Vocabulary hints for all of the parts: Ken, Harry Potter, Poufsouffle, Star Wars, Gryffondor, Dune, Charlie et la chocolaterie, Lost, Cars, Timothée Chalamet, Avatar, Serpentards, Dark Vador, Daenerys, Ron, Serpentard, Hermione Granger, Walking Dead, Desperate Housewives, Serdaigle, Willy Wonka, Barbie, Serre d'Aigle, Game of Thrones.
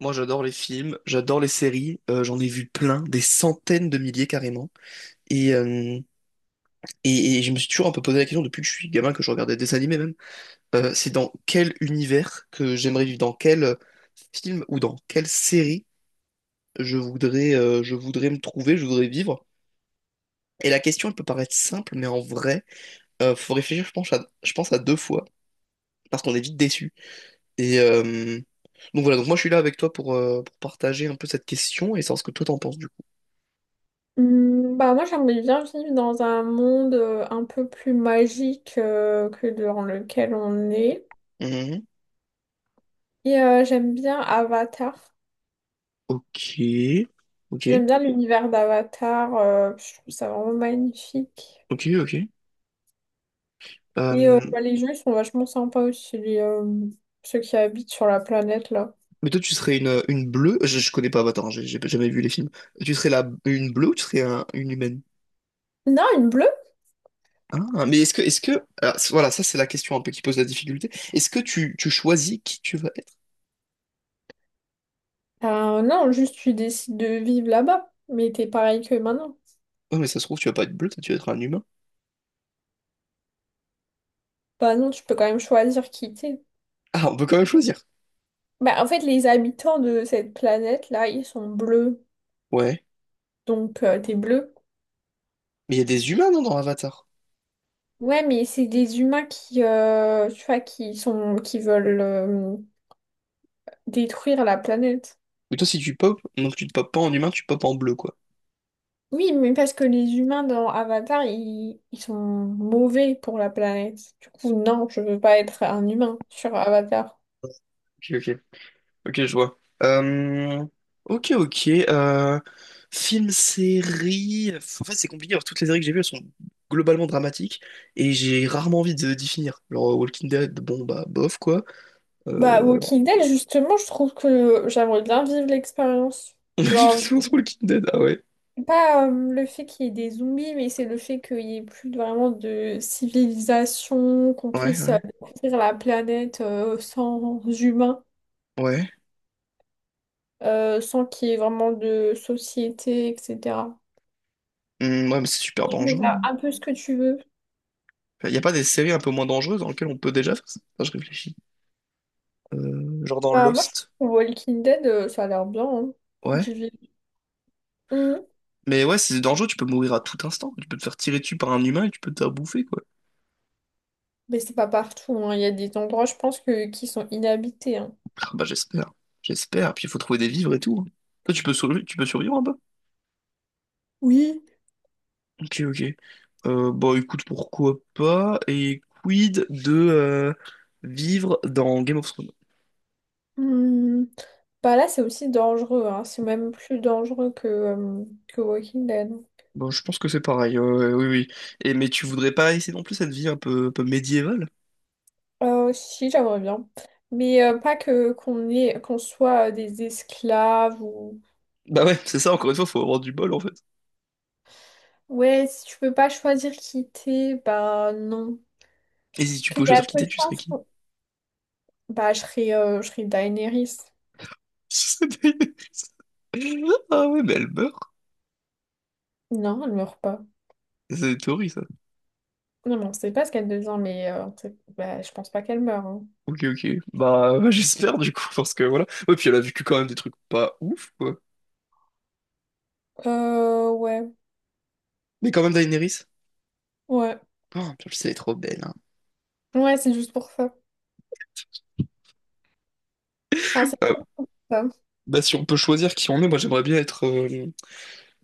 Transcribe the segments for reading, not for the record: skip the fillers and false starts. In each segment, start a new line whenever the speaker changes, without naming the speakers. Moi, j'adore les films, j'adore les séries, j'en ai vu plein, des centaines de milliers carrément. Et, euh, et je me suis toujours un peu posé la question depuis que je suis gamin, que je regardais des dessins animés même. C'est dans quel univers que j'aimerais vivre, dans quel film ou dans quelle série je voudrais me trouver, je voudrais vivre. Et la question, elle peut paraître simple, mais en vrai, faut réfléchir, je pense, à deux fois, parce qu'on est vite déçu. Et euh, donc voilà, donc moi je suis là avec toi pour partager un peu cette question et savoir ce que toi t'en penses du coup.
Moi j'aimerais bien vivre dans un monde un peu plus magique que dans lequel on est.
Mhm.
J'aime bien Avatar.
Ok, ok,
J'aime bien l'univers d'Avatar. Je trouve ça vraiment magnifique.
ok, ok. Euh,
Bah, les gens ils sont vachement sympas aussi, ceux qui habitent sur la planète là.
mais toi, tu serais une bleue? Je connais pas Avatar, hein, j'ai jamais vu les films. Tu serais une bleue ou tu serais une humaine?
Non, une bleue?
Ah, mais alors, voilà, ça c'est la question un peu qui pose la difficulté. Est-ce que tu choisis qui tu vas être?
Ah, non, juste tu décides de vivre là-bas. Mais t'es pareil que maintenant.
Non, mais ça se trouve, tu vas pas être bleu, toi, tu vas être un humain.
Bah non, tu peux quand même choisir qui t'es.
Ah, on peut quand même choisir.
Bah, en fait, les habitants de cette planète-là, ils sont bleus.
Ouais.
Donc des bleus.
Mais il y a des humains, non, dans Avatar?
Ouais, mais c'est des humains qui, tu vois, qui veulent détruire la planète.
Mais toi, si tu pop, donc tu te popes pas en humain, tu popes en bleu, quoi.
Oui, mais parce que les humains dans Avatar, ils sont mauvais pour la planète. Du coup, non, je veux pas être un humain sur Avatar.
Ok, ok. Ok, je vois. Ok, ok. Film, série. En fait, c'est compliqué. Alors, toutes les séries que j'ai vues, elles sont globalement dramatiques et j'ai rarement envie de d'y finir. Genre, Walking Dead, bon, bah, bof, quoi.
Bah,
Euh...
Walking Dead, justement, je trouve que j'aimerais bien vivre l'expérience.
On a vu la
Genre,
séquence Walking Dead, ah ouais.
pas le fait qu'il y ait des zombies, mais c'est le fait qu'il n'y ait vraiment de civilisation, qu'on
Ouais,
puisse
ouais.
découvrir la planète sans humains,
Ouais.
sans qu'il y ait vraiment de société, etc.
Ouais, mais c'est super
Tu peux
dangereux,
faire
non?
un peu ce que tu veux.
Il n'y a pas des séries un peu moins dangereuses dans lesquelles on peut déjà faire ça? Enfin, je réfléchis. Genre dans
Bah, moi, je
Lost.
trouve que Walking Dead, ça a l'air bien, hein.
Ouais.
J'y vais. Hum,
Mais ouais, c'est dangereux, tu peux mourir à tout instant. Tu peux te faire tirer dessus par un humain et tu peux te faire bouffer, quoi.
Mais c'est pas partout, hein. Il y a des endroits, je pense, qui sont inhabités, hein.
Ah bah j'espère, j'espère. Puis il faut trouver des vivres et tout. Hein. Toi, tu peux survivre en bas.
Oui.
Ok, ok. Bon, écoute, pourquoi pas? Et quid de vivre dans Game of Thrones?
Hum. Bah là, c'est aussi dangereux, hein. C'est même plus dangereux que Walking Dead.
Bon, je pense que c'est pareil, oui, oui. Et, mais tu voudrais pas essayer non plus cette vie un peu médiévale?
Si, j'aimerais bien. Mais pas qu'on soit des esclaves ou...
Bah ouais, c'est ça, encore une fois, faut avoir du bol en fait.
Ouais, si tu peux pas choisir qui t'es, bah non.
Et si
Parce
tu
qu'il
pouvais
y a
choisir qui
peu de
t'es, tu serais
chances
qui?
bah, je serais Daenerys.
Ah ouais, mais elle meurt.
Non, elle meurt pas.
C'est une théorie, ça.
Non, mais on sait pas ce qu'elle devient, bah, je pense pas qu'elle meurt. Hein.
Ok, ok. Bah, j'espère du coup, parce que voilà. Ouais, puis elle a vécu quand même des trucs pas ouf, quoi.
Ouais.
Mais quand même, Daenerys.
Ouais.
Oh, putain, elle est trop belle. Hein.
Ouais, c'est juste pour ça. Enfin, c'est
Euh,
pour ça.
Bah, si on peut choisir qui on est, moi j'aimerais bien être euh,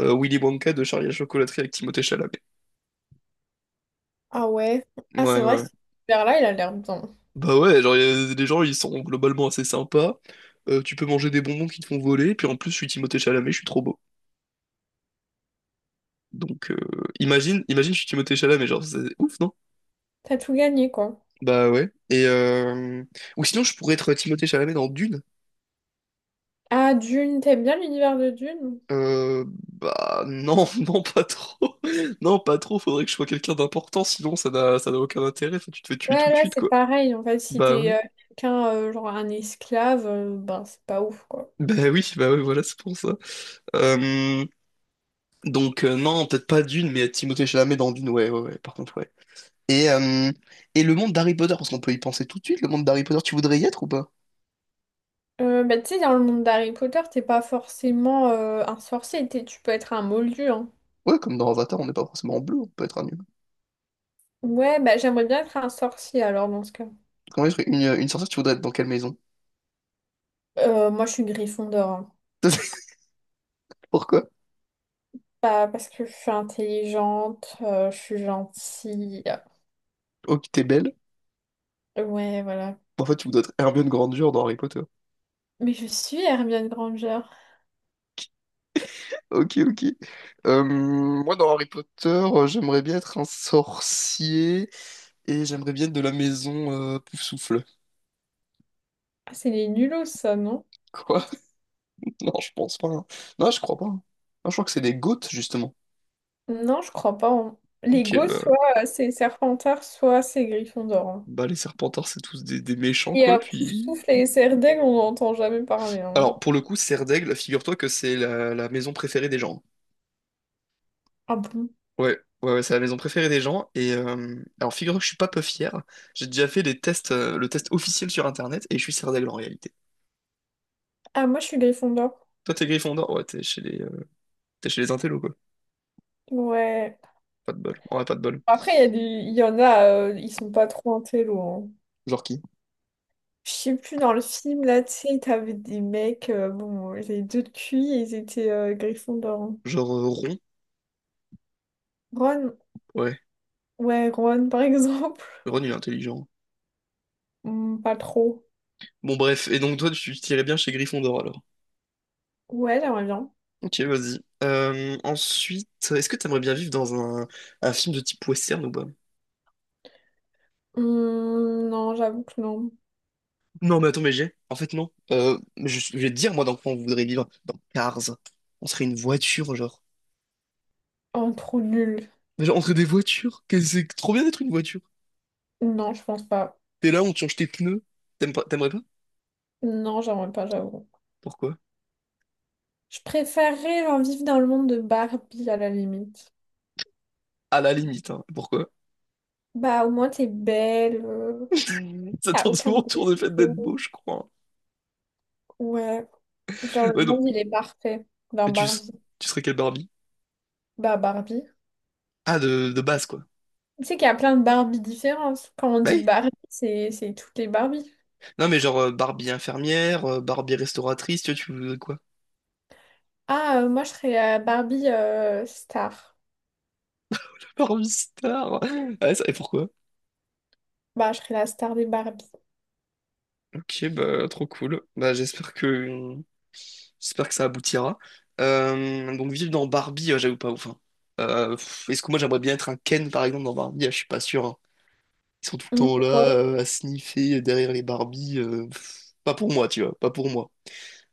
euh, Willy Wonka de Charlie et la chocolaterie avec Timothée Chalamet.
Ah ouais. Ah, c'est
Ouais,
vrai,
ouais.
cet univers-là, il a l'air bien.
Bah, ouais, genre, les gens ils sont globalement assez sympas. Tu peux manger des bonbons qui te font voler, puis en plus, je suis Timothée Chalamet, je suis trop beau. Donc, imagine, imagine, je suis Timothée Chalamet, genre, c'est ouf, non?
T'as tout gagné, quoi.
Bah, ouais. Ou sinon, je pourrais être Timothée Chalamet dans Dune.
Ah, Dune, t'aimes bien l'univers de Dune?
Euh, Bah non, non pas trop. Non, pas trop, faudrait que je sois quelqu'un d'important, sinon ça n'a aucun intérêt, enfin, tu te fais tuer tout
Ouais,
de
là,
suite
c'est
quoi.
pareil. En fait, si
Bah ouais.
t'es quelqu'un, genre un esclave, ben, c'est pas ouf, quoi.
Bah oui, bah ouais, voilà, c'est pour ça. Euh, donc non, peut-être pas Dune, mais Timothée Chalamet dans Dune, ouais, ouais, ouais, par contre, ouais. Et, euh, et le monde d'Harry Potter, parce qu'on peut y penser tout de suite, le monde d'Harry Potter, tu voudrais y être ou pas?
Bah, tu sais, dans le monde d'Harry Potter, t'es pas forcément un sorcier. Tu peux être un moldu, hein.
Ouais, comme dans Avatar, on n'est pas forcément en bleu, on peut être un humain.
Ouais, bah, j'aimerais bien être un sorcier, alors, dans ce cas.
Comment être une sorcière, tu voudrais être dans quelle maison?
Moi, je suis Gryffondor. Hein.
Pourquoi?
Pas parce que je suis intelligente, je suis gentille.
Oh, t'es belle.
Ouais, voilà.
En fait, tu voudrais être Hermione Granger dans Harry Potter.
Mais je suis Hermione Granger.
Ok, ok. Moi, dans Harry Potter, j'aimerais bien être un sorcier et j'aimerais bien être de la maison Poufsouffle.
Ah, c'est les nulos, ça, non?
Quoi? Non, je pense pas. Hein. Non, je crois pas. Hein. Non, je crois que c'est des Goths, justement.
Non, je crois pas. Hein. Les
Ok,
gosses,
bah,
soit c'est Serpentard, soit c'est Gryffondor. Hein.
bah les Serpentards, c'est tous des méchants, quoi, puis...
Poufsouffle et Serdaigle, on n'entend jamais parler. Hein.
Alors, pour le coup, Serre d'Aigle, figure-toi que c'est la maison préférée des gens.
Ah bon?
Ouais, ouais, ouais, c'est la maison préférée des gens, Alors, figure-toi que je suis pas peu fier, j'ai déjà fait les tests, le test officiel sur Internet, et je suis Serre d'Aigle en réalité.
Ah, moi, je suis Gryffondor.
Toi, t'es Gryffondor? Ouais, t'es chez les intellos, quoi.
Ouais.
Pas de bol. En vrai, pas de bol.
Après, il y a des... il y en a, ils sont pas trop intello. Hein.
Genre qui?
Je sais plus, dans le film, là, tu sais, t'avais des mecs, bon, ils avaient deux de QI et ils étaient Gryffondor. Hein.
Genre Ron?
Ron,
Ouais.
ouais, Ron, par exemple.
Ron, il est intelligent.
Hmm, pas trop.
Bon, bref. Et donc, toi, tu tirais bien chez Gryffondor, alors.
Ouais, j'aimerais bien.
Ok, vas-y. Ensuite, est-ce que t'aimerais bien vivre dans un film de type western ou pas?
Hmm, non, j'avoue que non.
Non, mais attends, mais j'ai. En fait, non. Mais je vais te dire, moi, dans quoi on voudrait vivre. Dans Cars. On serait une voiture, genre.
Oh, trop nul.
Mais genre, on serait des voitures. Qu'est-ce que C'est trop bien d'être une voiture.
Non, je pense pas.
T'es là, on te change tes pneus. T'aimerais pas?
Non, j'aimerais pas, j'avoue.
Pourquoi?
Je préférerais genre, vivre dans le monde de Barbie à la limite.
À la limite, hein. Pourquoi?
Bah, au moins, t'es belle,
Ça
t'as
tourne
aucun
souvent autour du fait d'être
défaut.
beau, je crois.
Ouais. Genre, le
Ouais.
monde, il est parfait dans
Mais tu, s-
Barbie.
tu serais quelle Barbie?
Bah, Barbie.
Ah, de base, quoi.
Tu sais qu'il y a plein de Barbie différentes. Quand on
Bah
dit
oui.
Barbie, c'est toutes les Barbies.
Non, mais genre Barbie infirmière, Barbie restauratrice, tu vois, tu veux quoi?
Moi, je serais la Barbie star.
Barbie star. Ah, ça, et pourquoi?
Bah, je serais la star des Barbies.
Ok, bah, trop cool. Bah, j'espère que ça aboutira. Donc, vivre dans Barbie, j'avoue pas ouf. Hein. Est-ce que moi, j'aimerais bien être un Ken, par exemple, dans Barbie? Ah, je suis pas sûr. Hein. Ils sont tout le temps là,
Pourquoi?
à sniffer derrière les Barbies. Pas pour moi, tu vois, pas pour moi.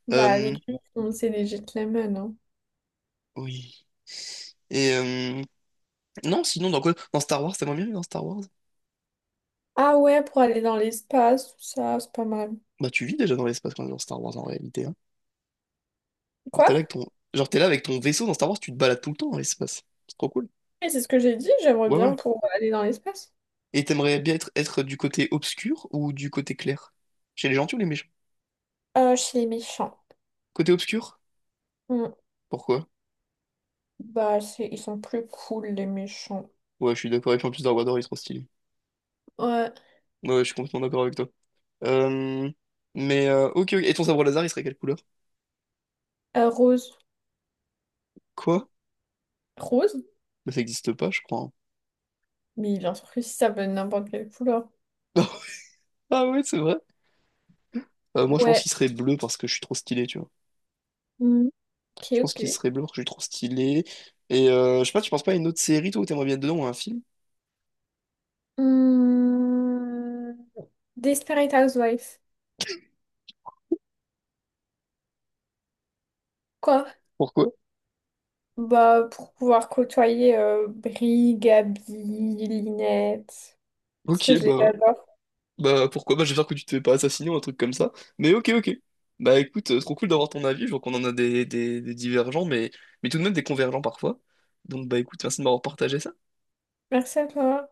Bah, les
Euh,
clips, on sait les gentlemen. Hein.
oui. Et euh, Non, sinon, dans quoi? Dans Star Wars, t'es moins bien que dans Star Wars?
Ah ouais, pour aller dans l'espace, tout ça, c'est pas mal.
Bah, tu vis déjà dans l'espace quand même dans Star Wars en réalité. Hein. Genre, t'es
Quoi?
là avec ton... Genre, t'es là avec ton vaisseau dans Star Wars, tu te balades tout le temps dans l'espace. C'est trop cool.
Et c'est ce que j'ai dit, j'aimerais
Ouais,
bien
ouais.
pour aller dans l'espace.
Et t'aimerais bien être du côté obscur ou du côté clair? Chez les gentils ou les méchants?
Chez les méchants.
Côté obscur?
Hmm.
Pourquoi?
Bah, c'est... ils sont plus cool, les méchants.
Ouais, je suis d'accord. Et puis en plus, Dark Vador, il est trop stylé.
Ouais,
Ouais, ouais, je suis complètement d'accord avec toi. Euh... Mais, ok, ok. Et ton sabre laser, il serait quelle couleur?
euh, rose.
Quoi?
Rose?
Bah, ça existe pas, je crois.
Mais bien sûr que si ça peut être n'importe quelle couleur.
Hein. Ah ouais, c'est vrai. Moi, je pense
Ouais.
qu'il serait bleu parce que je suis trop stylé, tu vois.
Hmm. Ok,
Je pense qu'il
ok.
serait blanc, parce que je suis trop stylé. Et je sais pas, tu penses pas à une autre série, toi, où t'aimerais bien être dedans ou à un film?
Hmm. Desperate Housewife. Quoi?
Pourquoi?
Bah, pour pouvoir côtoyer Brie, Gabi, Linette. Parce
Ok,
que je les
bah,
adore.
bah pourquoi? Bah, j'espère que tu te fais pas assassiner ou un truc comme ça. Mais ok, ok. Bah écoute, trop cool d'avoir ton avis. Je vois qu'on en a des divergents, mais tout de même des convergents parfois. Donc bah écoute, merci de m'avoir partagé ça.
Merci à toi.